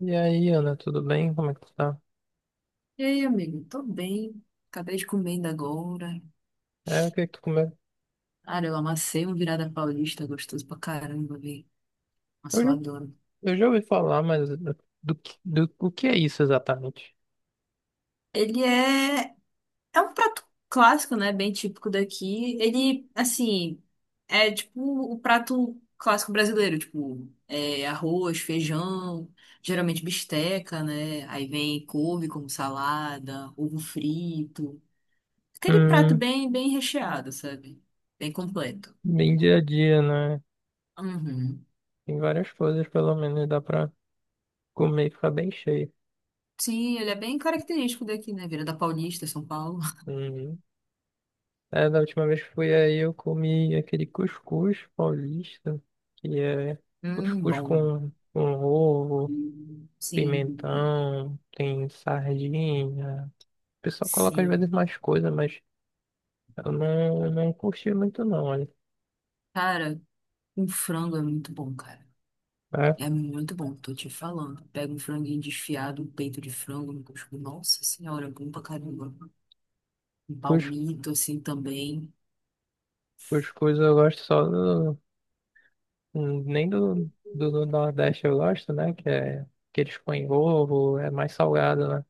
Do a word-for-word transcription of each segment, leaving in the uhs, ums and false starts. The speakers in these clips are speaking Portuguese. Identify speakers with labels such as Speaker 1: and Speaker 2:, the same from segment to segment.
Speaker 1: E aí, Ana, tudo bem? Como é que tu tá?
Speaker 2: Ei, amigo, tô bem. Acabei de comer ainda agora.
Speaker 1: É, o que é que tu comeu?
Speaker 2: Cara, eu amassei um virada paulista, gostoso pra caramba, velho.
Speaker 1: Eu,
Speaker 2: Nossa, eu
Speaker 1: já-
Speaker 2: adoro.
Speaker 1: eu já ouvi falar, mas do, que- do, o que é isso exatamente?
Speaker 2: Ele é... É um prato clássico, né? Bem típico daqui. Ele, assim, é tipo o prato clássico brasileiro. Tipo, é arroz, feijão, geralmente bisteca, né? Aí vem couve como salada, ovo frito. Aquele prato
Speaker 1: Hum,
Speaker 2: bem, bem recheado, sabe? Bem completo.
Speaker 1: bem dia a dia, né?
Speaker 2: Uhum.
Speaker 1: Tem várias coisas, pelo menos, dá pra comer e ficar bem cheio.
Speaker 2: Sim, ele é bem característico daqui, né? Vira da Paulista, São Paulo.
Speaker 1: Uhum. É, da última vez que fui aí, eu comi aquele cuscuz paulista, que é
Speaker 2: Hum,
Speaker 1: cuscuz
Speaker 2: bom.
Speaker 1: com, com ovo,
Speaker 2: Sim,
Speaker 1: pimentão, tem sardinha. O pessoal coloca às vezes
Speaker 2: sim.
Speaker 1: mais coisa, mas eu não, eu não curti muito não.
Speaker 2: Cara, um frango é muito bom, cara.
Speaker 1: É,
Speaker 2: É muito bom, tô te falando. Pega um franguinho desfiado, um peito de frango, um cuscuz. Nossa senhora, é bom pra caramba. Um
Speaker 1: cus-
Speaker 2: palmito, assim, também.
Speaker 1: cuscuz eu gosto só do. hum, Nem do, do, do Nordeste eu gosto, né? Que é que eles põem ovo, é mais salgado, né?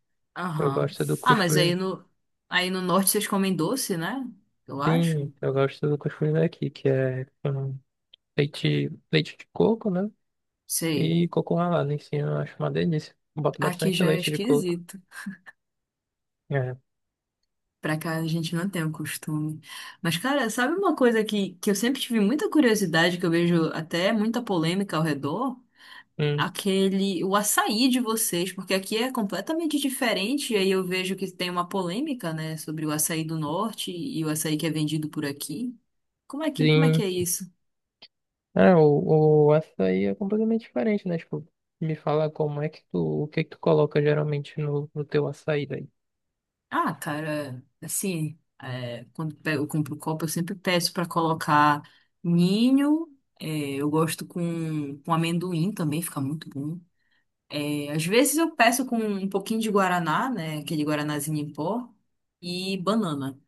Speaker 1: Eu
Speaker 2: Aham.
Speaker 1: gosto do
Speaker 2: Ah, mas
Speaker 1: cuscuz.
Speaker 2: aí no, aí no norte vocês comem doce, né? Eu acho.
Speaker 1: Sim, eu gosto do cuscuz daqui, que é com leite, leite de coco, né?
Speaker 2: Sei.
Speaker 1: E coco ralado em cima, eu acho uma delícia. Boto
Speaker 2: Aqui
Speaker 1: bastante
Speaker 2: já é
Speaker 1: leite de coco.
Speaker 2: esquisito.
Speaker 1: É.
Speaker 2: Pra cá a gente não tem o costume. Mas, cara, sabe uma coisa que, que eu sempre tive muita curiosidade, que eu vejo até muita polêmica ao redor?
Speaker 1: Hum,
Speaker 2: Aquele, o açaí de vocês, porque aqui é completamente diferente, e aí eu vejo que tem uma polêmica, né, sobre o açaí do norte e o açaí que é vendido por aqui. Como é que, como é que
Speaker 1: sim.
Speaker 2: é isso?
Speaker 1: É, o, o açaí é completamente diferente, né? Tipo, me fala como é que tu, o que que tu coloca geralmente no, no teu açaí daí.
Speaker 2: Ah, cara, assim, é, quando pe- eu compro copo, eu sempre peço pra colocar ninho, é, eu gosto com, com amendoim também, fica muito bom. É, às vezes eu peço com um pouquinho de guaraná, né? Aquele guaranazinho em pó e banana.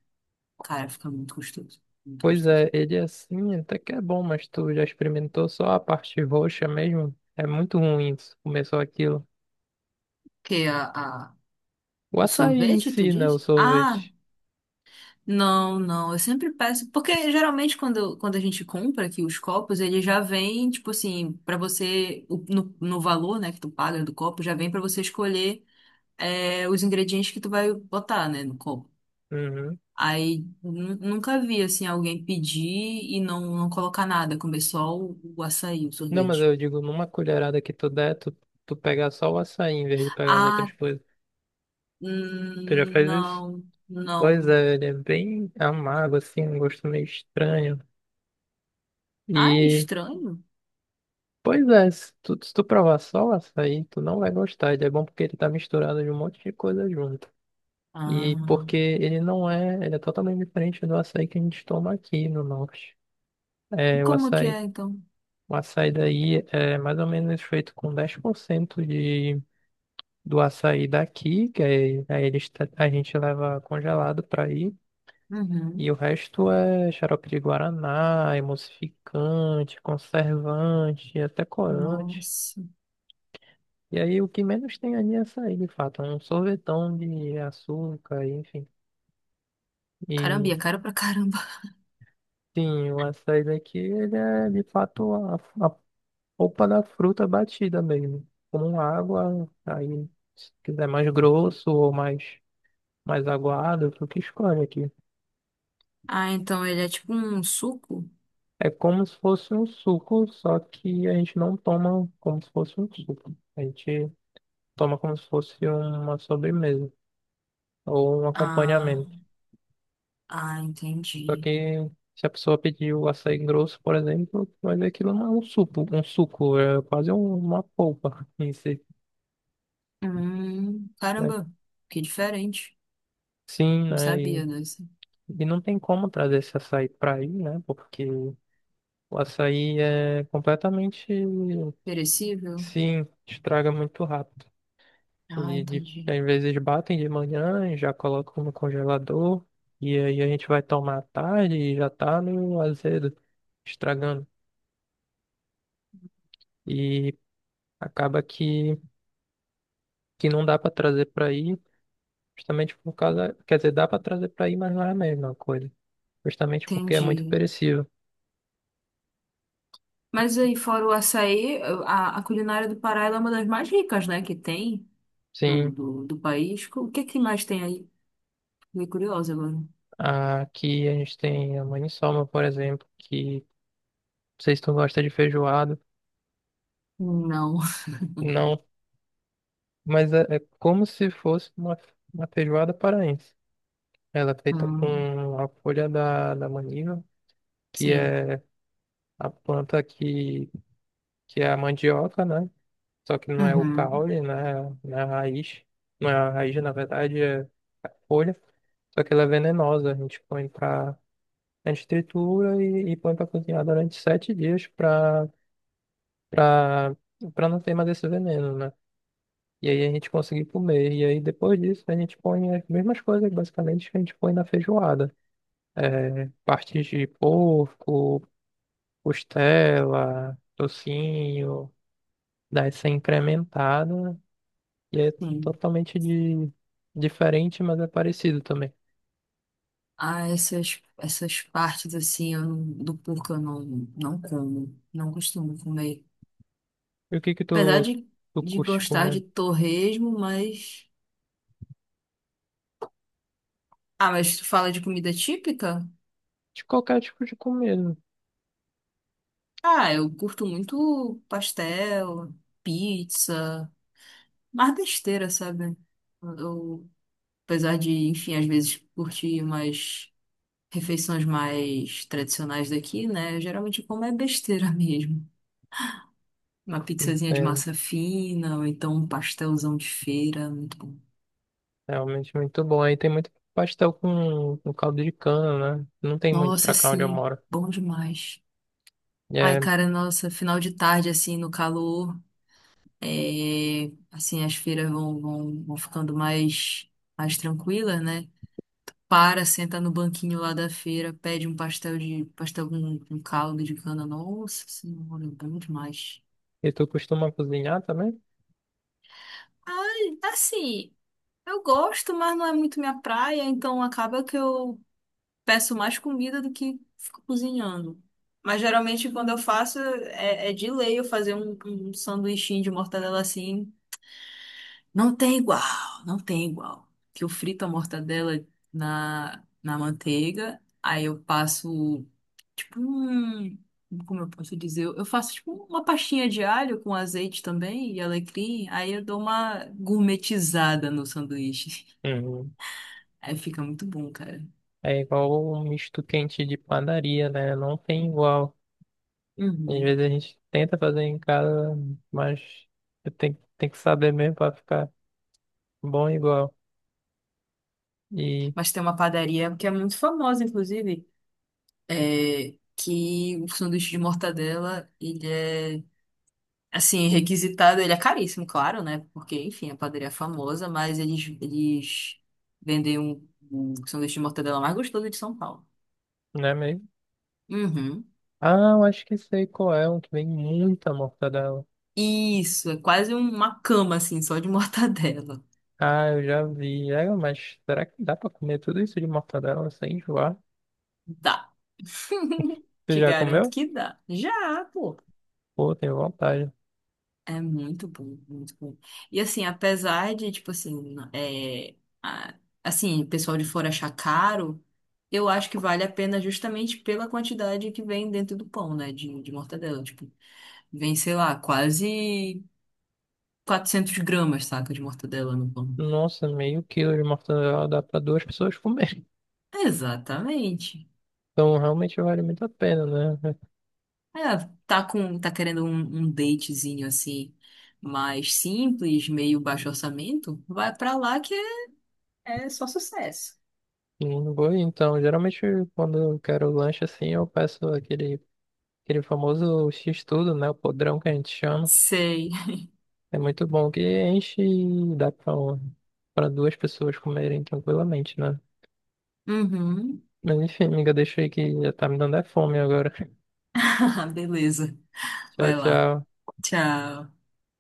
Speaker 2: Cara, fica muito gostoso. Muito
Speaker 1: Pois é,
Speaker 2: gostoso.
Speaker 1: ele é assim, até que é bom, mas tu já experimentou só a parte roxa mesmo? É muito ruim isso, começou aquilo.
Speaker 2: Que a, a-
Speaker 1: O
Speaker 2: o
Speaker 1: açaí em
Speaker 2: sorvete, tu
Speaker 1: si, né, o
Speaker 2: diz? Ah,
Speaker 1: sorvete.
Speaker 2: não, não. Eu sempre peço. Porque geralmente quando, quando a gente compra aqui os copos, ele já vem, tipo assim, pra você. O- No, no valor, né, que tu paga do copo, já vem pra você escolher. É, os ingredientes que tu vai botar, né, no copo.
Speaker 1: Uhum.
Speaker 2: Aí nu- nunca vi assim alguém pedir e não, não colocar nada, comer só o, o açaí, o
Speaker 1: Não, mas
Speaker 2: sorvete.
Speaker 1: eu digo, numa colherada que tu der, tu, tu pegar só o açaí em vez de pegar as
Speaker 2: Ah,
Speaker 1: outras coisas. Tu já
Speaker 2: hum,
Speaker 1: fez isso?
Speaker 2: não,
Speaker 1: Pois
Speaker 2: não.
Speaker 1: é, ele é bem amargo, assim, um gosto meio estranho.
Speaker 2: Ah, é
Speaker 1: E
Speaker 2: estranho.
Speaker 1: Pois é, se tu, se tu provar só o açaí, tu não vai gostar. Ele é bom porque ele tá misturado de um monte de coisa junto. E
Speaker 2: Ah,
Speaker 1: porque ele não é, ele é totalmente diferente do açaí que a gente toma aqui no norte. É, o
Speaker 2: como que
Speaker 1: açaí,
Speaker 2: é então?
Speaker 1: o açaí daí é mais ou menos feito com dez por cento de, do açaí daqui, que aí, aí eles, tra- a gente leva congelado para aí. E o
Speaker 2: Uhum.
Speaker 1: resto é xarope de guaraná, emulsificante, conservante, até corante.
Speaker 2: Nossa.
Speaker 1: E aí o que menos tem ali é açaí, de fato. É um sorvetão de açúcar, enfim.
Speaker 2: Caramba,
Speaker 1: E
Speaker 2: e é caro pra caramba.
Speaker 1: sim, o açaí daqui, ele é de fato a, a polpa da fruta batida mesmo. Com água, aí se quiser mais grosso ou mais, mais aguado, tu que escolhe aqui.
Speaker 2: Ah, então ele é tipo um suco?
Speaker 1: É como se fosse um suco, só que a gente não toma como se fosse um suco. A gente toma como se fosse uma sobremesa ou um
Speaker 2: Ah,
Speaker 1: acompanhamento.
Speaker 2: ah,
Speaker 1: Só
Speaker 2: entendi.
Speaker 1: que se a pessoa pedir o açaí grosso, por exemplo, vai ver que aquilo não é um suco, um suco, é quase um- uma polpa em si,
Speaker 2: Hum,
Speaker 1: né?
Speaker 2: caramba, que diferente.
Speaker 1: Sim,
Speaker 2: Não
Speaker 1: né? E,
Speaker 2: sabia dessa.
Speaker 1: e não tem como trazer esse açaí para aí, né? Porque o açaí é completamente,
Speaker 2: Perecível?
Speaker 1: sim, estraga muito rápido. E,
Speaker 2: Ah,
Speaker 1: de-
Speaker 2: entendi.
Speaker 1: às vezes batem de manhã e já colocam no congelador, e aí a gente vai tomar à tarde e já tá no azedo, estragando. E acaba que que não dá para trazer para aí, justamente por causa, quer dizer, dá para trazer para aí, mas não é a mesma coisa, justamente porque é muito
Speaker 2: Entendi.
Speaker 1: perecível.
Speaker 2: Mas aí, fora o açaí, a, a culinária do Pará ela é uma das mais ricas, né, que tem do,
Speaker 1: Sim,
Speaker 2: do, do país. O que é que mais tem aí? Fiquei curiosa agora.
Speaker 1: aqui a gente tem a maniçoba, por exemplo, que não sei se tu gosta de feijoada,
Speaker 2: Não.
Speaker 1: não, mas é, é como se fosse uma, uma feijoada paraense. Ela é feita
Speaker 2: Hum,
Speaker 1: com a folha da, da maniva, que
Speaker 2: sim.
Speaker 1: é a planta que, que é a mandioca, né? Só que não é o
Speaker 2: Uhum,
Speaker 1: caule, né? Não é a raiz. Não é a raiz, na verdade, é folha, só que ela é venenosa. A gente põe pra. A gente tritura e, e põe pra cozinhar durante sete dias pra, pra, pra não ter mais esse veneno, né? E aí a gente conseguir comer. E aí depois disso a gente põe as mesmas coisas, basicamente, que a gente põe na feijoada. É, partes de porco, costela, tocinho, daí ser incrementado. E é
Speaker 2: sim.
Speaker 1: totalmente de... diferente, mas é parecido também.
Speaker 2: Ah, essas, essas partes, assim, eu não- do porco eu não, não como. Não costumo comer.
Speaker 1: E o que que
Speaker 2: Apesar
Speaker 1: tu,
Speaker 2: de,
Speaker 1: tu
Speaker 2: de
Speaker 1: curte
Speaker 2: gostar
Speaker 1: comer?
Speaker 2: de torresmo, mas... Ah, mas tu fala de comida típica?
Speaker 1: De qualquer tipo de comida.
Speaker 2: Ah, eu curto muito pastel, pizza... mais besteira, sabe? Eu, apesar de, enfim, às vezes curtir umas refeições mais tradicionais daqui, né? Geralmente eu como é besteira mesmo. Uma pizzazinha de
Speaker 1: É
Speaker 2: massa fina, ou então um pastelzão de feira, muito bom.
Speaker 1: realmente muito bom. Aí tem muito pastel com, com caldo de cana, né? Não tem muito
Speaker 2: Nossa,
Speaker 1: pra cá onde eu
Speaker 2: sim,
Speaker 1: moro.
Speaker 2: bom demais. Ai,
Speaker 1: É,
Speaker 2: cara, nossa, final de tarde, assim, no calor, é, assim, as feiras vão, vão, vão ficando mais, mais tranquilas, né? Para, senta no banquinho lá da feira, pede um pastel de pastel com, com caldo de cana. Nossa senhora, é bom demais.
Speaker 1: e tu costuma cozinhar também?
Speaker 2: Ai, assim, eu gosto, mas não é muito minha praia, então acaba que eu peço mais comida do que fico cozinhando. Mas geralmente quando eu faço, é, é de lei eu fazer um, um sanduichinho de mortadela assim. Não tem igual, não tem igual. Que eu frito a mortadela na, na manteiga, aí eu passo. Tipo um, como eu posso dizer, eu faço tipo uma pastinha de alho com azeite também e alecrim, aí eu dou uma gourmetizada no sanduíche.
Speaker 1: Uhum.
Speaker 2: Aí fica muito bom, cara.
Speaker 1: É igual o misto quente de padaria, né? Não tem igual. Às
Speaker 2: Uhum.
Speaker 1: vezes a gente tenta fazer em casa, mas tem, tem que saber mesmo pra ficar bom igual. E,
Speaker 2: Mas tem uma padaria que é muito famosa, inclusive, é, que o sanduíche de mortadela, ele é, assim, requisitado, ele é caríssimo, claro, né? Porque, enfim, a padaria é famosa, mas eles, eles vendem um, um sanduíche de mortadela mais gostoso de São Paulo.
Speaker 1: né, mesmo?
Speaker 2: Uhum.
Speaker 1: Ah, eu acho que sei qual é, um que vem muita mortadela.
Speaker 2: Isso, é quase uma cama, assim, só de mortadela.
Speaker 1: Ah, eu já vi. É, mas será que dá pra comer tudo isso de mortadela sem enjoar?
Speaker 2: Dá.
Speaker 1: Tu
Speaker 2: Te
Speaker 1: já
Speaker 2: garanto
Speaker 1: comeu?
Speaker 2: que dá. Já, pô.
Speaker 1: Pô, tenho vontade.
Speaker 2: É muito bom, muito bom. E assim, apesar de, tipo assim, é, a- assim, o pessoal de fora achar caro, eu acho que vale a pena justamente pela quantidade que vem dentro do pão, né, de, de mortadela. Tipo, vem, sei lá, quase quatrocentas gramas, saca, de mortadela no pão.
Speaker 1: Nossa, meio quilo de mortadela dá pra duas pessoas comer.
Speaker 2: Exatamente.
Speaker 1: Então realmente vale muito a pena, né?
Speaker 2: É, tá com, tá querendo um, um datezinho assim, mais simples, meio baixo orçamento, vai pra lá que é- É só sucesso.
Speaker 1: Hum, Vou, então, geralmente quando eu quero lanche assim, eu peço aquele Aquele famoso X-tudo, né? O podrão que a gente chama.
Speaker 2: Sei.
Speaker 1: É muito bom que enche e dá pra, pra duas pessoas comerem tranquilamente, né?
Speaker 2: Uhum.
Speaker 1: Mas enfim, amiga, deixa aí que já tá me dando é fome agora.
Speaker 2: Beleza.
Speaker 1: Tchau,
Speaker 2: Vai lá.
Speaker 1: tchau.
Speaker 2: Tchau.